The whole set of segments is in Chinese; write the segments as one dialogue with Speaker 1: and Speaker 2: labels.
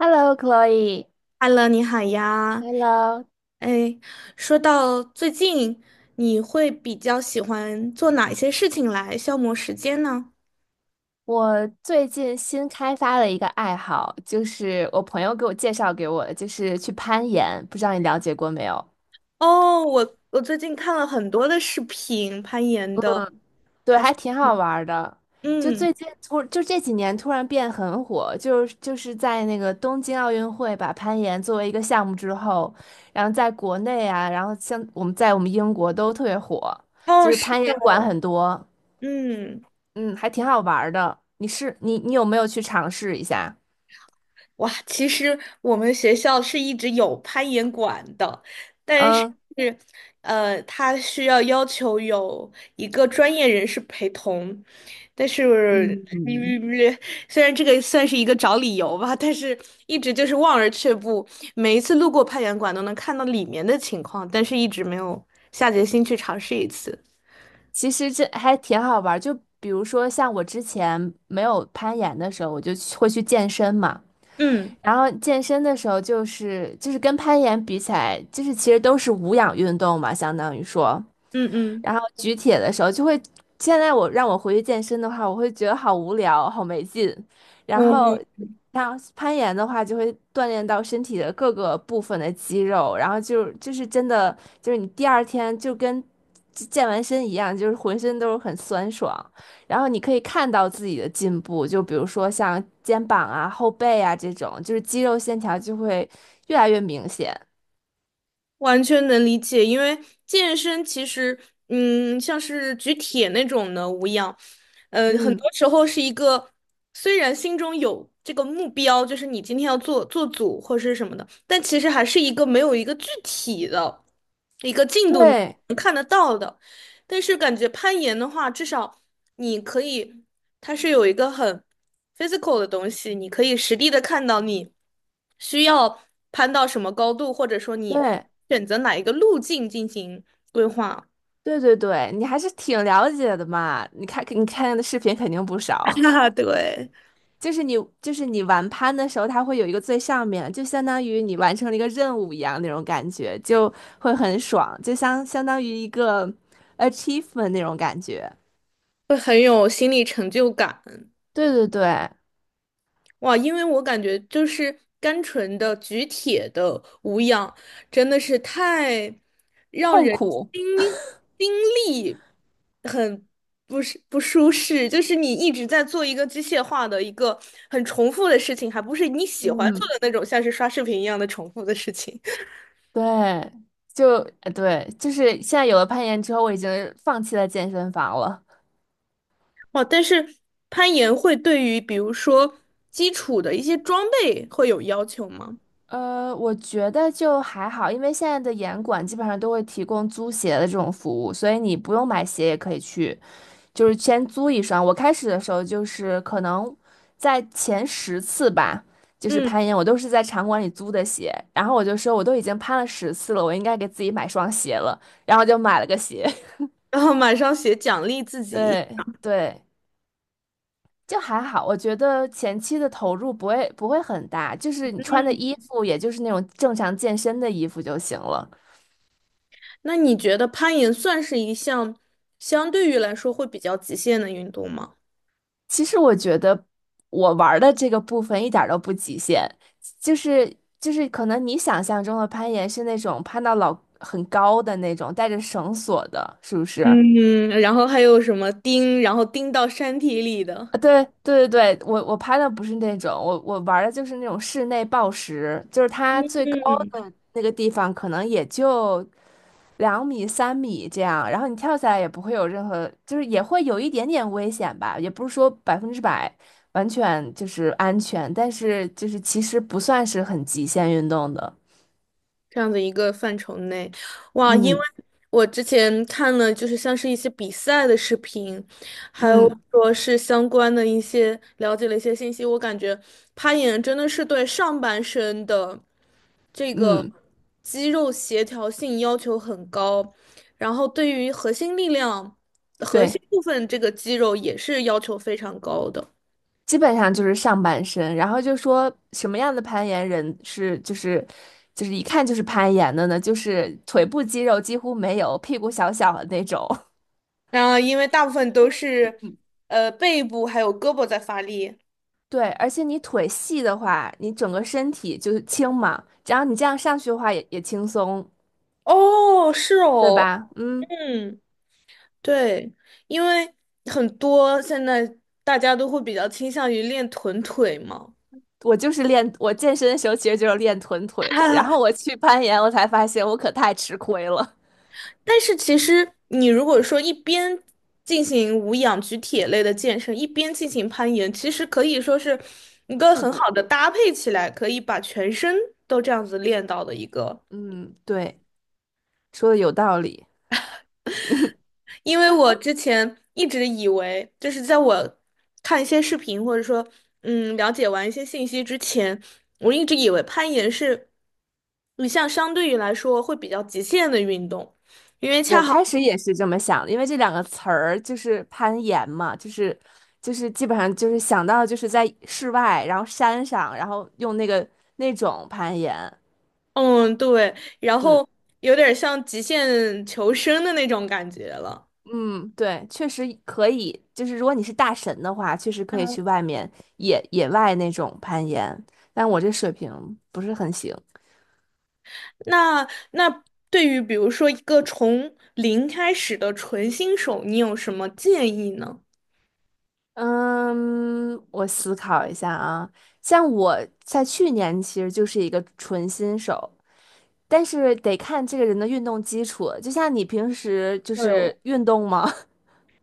Speaker 1: Hello，Chloe。
Speaker 2: Hello，你好呀。
Speaker 1: Hello，
Speaker 2: 哎，说到最近，你会比较喜欢做哪一些事情来消磨时间呢？
Speaker 1: 我最近新开发了一个爱好，就是我朋友给我介绍给我的，就是去攀岩。不知道你了解过没有？
Speaker 2: 哦，我最近看了很多的视频，攀岩的。
Speaker 1: 对，还挺好玩儿的。
Speaker 2: 嗯。
Speaker 1: 就这几年突然变很火，就是在那个东京奥运会把攀岩作为一个项目之后，然后在国内啊，然后像我们在我们英国都特别火，就
Speaker 2: 哦，
Speaker 1: 是
Speaker 2: 是
Speaker 1: 攀
Speaker 2: 的。
Speaker 1: 岩馆很多，
Speaker 2: 嗯。
Speaker 1: 嗯，还挺好玩儿的。你是你你有没有去尝试一下？
Speaker 2: 哇，其实我们学校是一直有攀岩馆的，但是，
Speaker 1: 嗯。
Speaker 2: 它需要要求有一个专业人士陪同，但是，嗯虽然这个算是一个找理由吧，但是一直就是望而却步。每一次路过攀岩馆都能看到里面的情况，但是一直没有下决心去尝试一次。
Speaker 1: 其实这还挺好玩儿就比如说像我之前没有攀岩的时候，我会去健身嘛。
Speaker 2: 嗯
Speaker 1: 然后健身的时候，就是跟攀岩比起来，就是其实都是无氧运动嘛，相当于说。
Speaker 2: 嗯嗯，
Speaker 1: 然后举铁的时候就会，现在让我回去健身的话，我会觉得好无聊，好没劲。然后
Speaker 2: 我
Speaker 1: 像攀岩的话，就会锻炼到身体的各个部分的肌肉，然后就是真的就是你第二天就跟健完身一样，就是浑身都是很酸爽。然后你可以看到自己的进步，就比如说像肩膀啊、后背啊这种，就是肌肉线条就会越来越明显。
Speaker 2: 完全能理解，因为健身其实，像是举铁那种的无氧，很
Speaker 1: 嗯，
Speaker 2: 多时候是一个，虽然心中有这个目标，就是你今天要做做组或是什么的，但其实还是一个没有一个具体的一个进度你
Speaker 1: 对
Speaker 2: 能看得到的。但是感觉攀岩的话，至少你可以。它是有一个很 physical 的东西，你可以实地的看到你需要攀到什么高度，或者说你
Speaker 1: 对。
Speaker 2: 选择哪一个路径进行规划。
Speaker 1: 对对对，你还是挺了解的嘛。你看，你看的视频肯定不 少。
Speaker 2: 啊，对，
Speaker 1: 就是你，就是你玩攀的时候，它会有一个最上面，就相当于你完成了一个任务一样那种感觉，就会很爽，就相当于一个 achievement 那种感觉。
Speaker 2: 会很有心理成就感。
Speaker 1: 对对对，
Speaker 2: 哇，因为我感觉就是单纯的举铁的无氧，真的是太让
Speaker 1: 痛
Speaker 2: 人
Speaker 1: 苦，
Speaker 2: 心心力很不是不舒适，就是你一直在做一个机械化的一个很重复的事情，还不是你喜欢做
Speaker 1: 嗯，
Speaker 2: 的那种，像是刷视频一样的重复的事情。
Speaker 1: 对，就对，就是现在有了攀岩之后，我已经放弃了健身房了。
Speaker 2: 哇，但是攀岩会对于比如说基础的一些装备会有要求吗？
Speaker 1: 我觉得就还好，因为现在的严管基本上都会提供租鞋的这种服务，所以你不用买鞋也可以去，就是先租一双。我开始的时候就是可能在前十次吧，就是
Speaker 2: 嗯，
Speaker 1: 攀岩，我都是在场馆里租的鞋，然后我就说我都已经攀了十次了，我应该给自己买双鞋了，然后就买了个鞋。
Speaker 2: 然后马上写奖励自己。
Speaker 1: 对对，就还好，我觉得前期的投入不会很大，就是你穿的
Speaker 2: 嗯。
Speaker 1: 衣服，也就是那种正常健身的衣服就行了。
Speaker 2: 那你觉得攀岩算是一项相对于来说会比较极限的运动吗？
Speaker 1: 其实我觉得我玩儿的这个部分一点儿都不极限，就是就是可能你想象中的攀岩是那种攀到老很高的那种，带着绳索的，是不是？啊，
Speaker 2: 嗯，然后还有什么钉，然后钉到山体里的？
Speaker 1: 对对对对，我攀的不是那种，我玩儿的就是那种室内抱石，就是它最高
Speaker 2: 嗯。
Speaker 1: 那个地方可能也就两米、三米这样，然后你跳下来也不会有任何，就是也会有一点点危险吧，也不是说100%完全就是安全，但是就是其实不算是很极限运动的。
Speaker 2: 这样的一个范畴内，哇！因为
Speaker 1: 嗯
Speaker 2: 我之前看了，就是像是一些比赛的视频，还有
Speaker 1: 嗯
Speaker 2: 说是相关的一些了解了一些信息，我感觉攀岩真的是对上半身的这个
Speaker 1: 嗯，
Speaker 2: 肌肉协调性要求很高，然后对于核心力量、核心
Speaker 1: 对，
Speaker 2: 部分这个肌肉也是要求非常高的。
Speaker 1: 基本上就是上半身，然后就说什么样的攀岩人是就是一看就是攀岩的呢？就是腿部肌肉几乎没有，屁股小小的那种。
Speaker 2: 啊，因为大部分都是背部还有胳膊在发力。
Speaker 1: 对，而且你腿细的话，你整个身体就是轻嘛，然后你这样上去的话也轻松，
Speaker 2: 哦，是
Speaker 1: 对
Speaker 2: 哦。
Speaker 1: 吧？嗯，
Speaker 2: 嗯，对，因为很多现在大家都会比较倾向于练臀腿嘛。
Speaker 1: 我就是练，我健身的时候其实就是练臀腿 的，
Speaker 2: 哈
Speaker 1: 然
Speaker 2: 哈，
Speaker 1: 后我去攀岩，我才发现我可太吃亏了，
Speaker 2: 但是其实你如果说一边进行无氧举铁类的健身，一边进行攀岩，其实可以说是一个
Speaker 1: 互
Speaker 2: 很
Speaker 1: 补。
Speaker 2: 好的搭配起来，可以把全身都这样子练到的一个。
Speaker 1: 嗯，对，说的有道理。
Speaker 2: 因为我之前一直以为，就是在我看一些视频或者说了解完一些信息之前，我一直以为攀岩是你像相对于来说会比较极限的运动，因为恰
Speaker 1: 我
Speaker 2: 好
Speaker 1: 开始也是这么想的，因为这两个词儿就是攀岩嘛，就是基本上就是想到就是在室外，然后山上，然后用那个那种攀岩。
Speaker 2: 嗯对，然
Speaker 1: 嗯。
Speaker 2: 后有点像极限求生的那种感觉了。
Speaker 1: 嗯，对，确实可以。就是如果你是大神的话，确实可以去外面野外那种攀岩。但我这水平不是很行。
Speaker 2: 那对于比如说一个从零开始的纯新手，你有什么建议呢？
Speaker 1: 嗯，我思考一下啊。像我在去年其实就是一个纯新手，但是得看这个人的运动基础。就像你平时就
Speaker 2: 对，
Speaker 1: 是运动吗？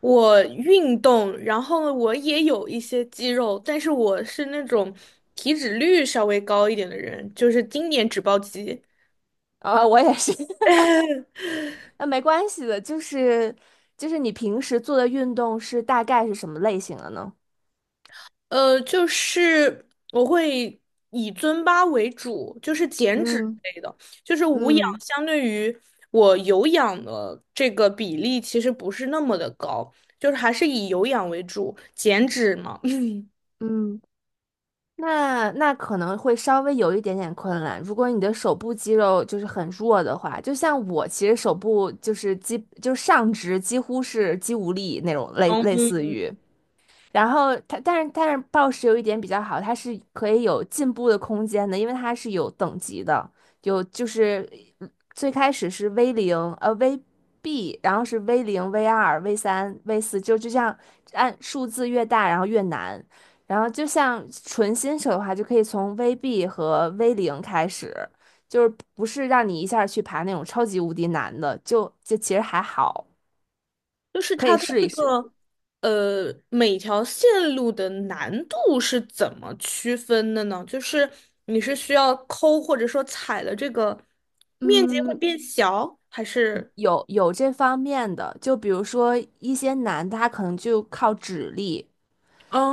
Speaker 2: 我运动，然后我也有一些肌肉，但是我是那种体脂率稍微高一点的人，就是经典脂包肌。
Speaker 1: 啊，我也是。那没关系的，就是你平时做的运动是大概是什么类型的呢？
Speaker 2: 呃，就是我会以尊巴为主，就是减脂
Speaker 1: 嗯
Speaker 2: 类的，就是无氧
Speaker 1: 嗯
Speaker 2: 相对于我有氧的这个比例其实不是那么的高，就是还是以有氧为主，减脂嘛。
Speaker 1: 嗯。那可能会稍微有一点点困难。如果你的手部肌肉就是很弱的话，就像我其实手部就是肌，就是上肢几乎是肌无力那种类似于。然后它，但是暴食有一点比较好，它是可以有进步的空间的，因为它是有等级的，有就是呃最开始是 VB，然后是 V 零 V2 V3 V4，就这样按数字越大，然后越难。然后就像纯新手的话，就可以从 VB 和 V 零开始，就是不是让你一下去爬那种超级无敌难的，就其实还好，
Speaker 2: 就是
Speaker 1: 可
Speaker 2: 它
Speaker 1: 以
Speaker 2: 的
Speaker 1: 试
Speaker 2: 这
Speaker 1: 一试。
Speaker 2: 个每条线路的难度是怎么区分的呢？就是你是需要抠或者说踩了这个面积会
Speaker 1: 嗯，
Speaker 2: 变小，还是
Speaker 1: 有这方面的，就比如说一些难的，他可能就靠指力，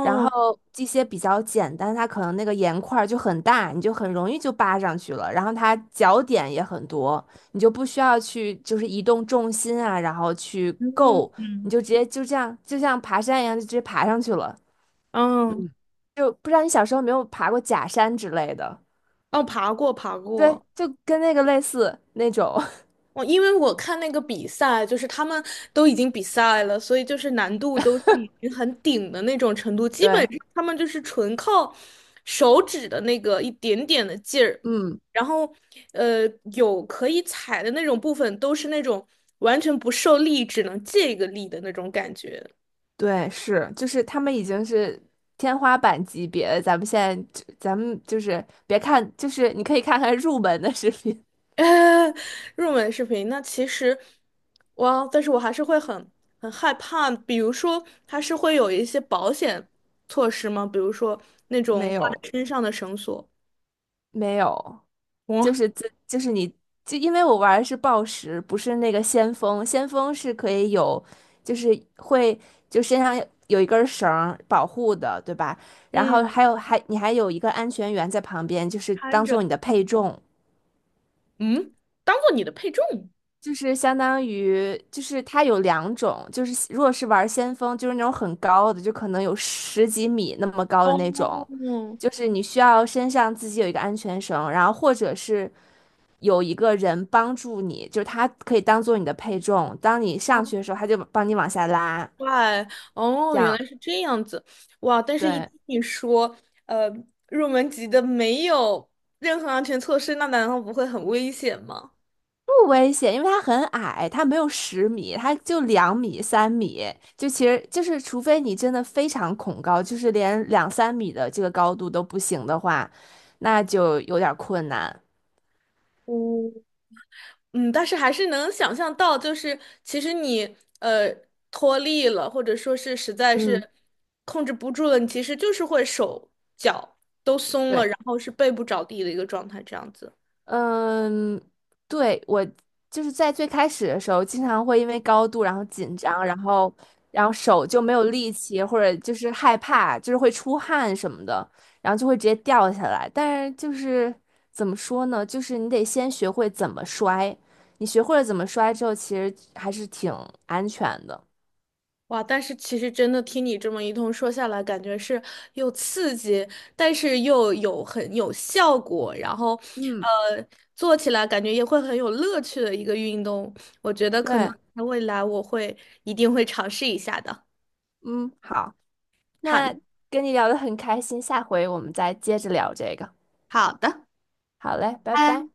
Speaker 1: 然后这些比较简单，他可能那个盐块儿就很大，你就很容易就扒上去了，然后它脚点也很多，你就不需要去就是移动重心啊，然后去
Speaker 2: 嗯
Speaker 1: 够，你
Speaker 2: 嗯
Speaker 1: 就直接就这样，就像爬山一样，就直接爬上去了。
Speaker 2: 嗯
Speaker 1: 就不知道你小时候有没有爬过假山之类的，
Speaker 2: 哦，爬过爬
Speaker 1: 对，
Speaker 2: 过。
Speaker 1: 就跟那个类似那种，
Speaker 2: 我因为我看那个比赛，就是他们都已经比赛了，所以就是难度都是已经很顶的那种程度，基本
Speaker 1: 对，
Speaker 2: 上他们就是纯靠手指的那个一点点的劲儿，
Speaker 1: 嗯。
Speaker 2: 然后呃有可以踩的那种部分都是那种完全不受力，只能借一个力的那种感觉。
Speaker 1: 对，是，就是他们已经是天花板级别了。咱们现在就，咱们就是别看，就是你可以看看入门的视频，
Speaker 2: 入门视频，那其实，哇，但是我还是会很很害怕。比如说，它是会有一些保险措施吗？比如说那 种
Speaker 1: 没
Speaker 2: 挂
Speaker 1: 有，
Speaker 2: 在身上的绳索，
Speaker 1: 没有，就
Speaker 2: 哇。
Speaker 1: 是这，就是你，就因为我玩的是暴食，不是那个先锋，先锋是可以有，就是会就身上有一根绳儿保护的，对吧？然后
Speaker 2: 嗯，
Speaker 1: 还有还你还有一个安全员在旁边，就是
Speaker 2: 看
Speaker 1: 当
Speaker 2: 着。
Speaker 1: 做你的配重。
Speaker 2: 嗯，当做你的配重。
Speaker 1: 就是相当于，就是它有两种，就是如果是玩先锋，就是那种很高的，就可能有十几米那么高的
Speaker 2: 哦。
Speaker 1: 那种，就是你需要身上自己有一个安全绳，然后或者是有一个人帮助你，就是他可以当做你的配重，当你上
Speaker 2: 哦，
Speaker 1: 去的时候，他就帮你往下拉，
Speaker 2: 怪。哦，
Speaker 1: 这
Speaker 2: 原来
Speaker 1: 样。
Speaker 2: 是这样子。哇！但是一
Speaker 1: 对，
Speaker 2: 听你说，呃，入门级的没有任何安全措施，那难道不会很危险吗？
Speaker 1: 不危险，因为它很矮，它没有10米，它就两米、三米，就其实就是，除非你真的非常恐高，就是连两三米的这个高度都不行的话，那就有点儿困难。
Speaker 2: 哦，嗯，但是还是能想象到，就是其实你脱力了，或者说是实在
Speaker 1: 嗯，
Speaker 2: 是控制不住了，你其实就是会手脚都松了，
Speaker 1: 对。
Speaker 2: 然后是背部着地的一个状态，这样子。
Speaker 1: 嗯，对，我就是在最开始的时候，经常会因为高度然后紧张，然后手就没有力气，或者就是害怕，就是会出汗什么的，然后就会直接掉下来。但是就是怎么说呢，就是你得先学会怎么摔，你学会了怎么摔之后，其实还是挺安全的。
Speaker 2: 哇，但是其实真的听你这么一通说下来，感觉是又刺激，但是又有很有效果，然后
Speaker 1: 嗯，
Speaker 2: 呃做起来感觉也会很有乐趣的一个运动。我觉得可能
Speaker 1: 对，
Speaker 2: 在未来我会一定会尝试一下的。
Speaker 1: 嗯，好，
Speaker 2: 好。
Speaker 1: 那跟你聊的很开心，下回我们再接着聊这个。
Speaker 2: 好的。
Speaker 1: 好嘞，拜
Speaker 2: 拜。
Speaker 1: 拜。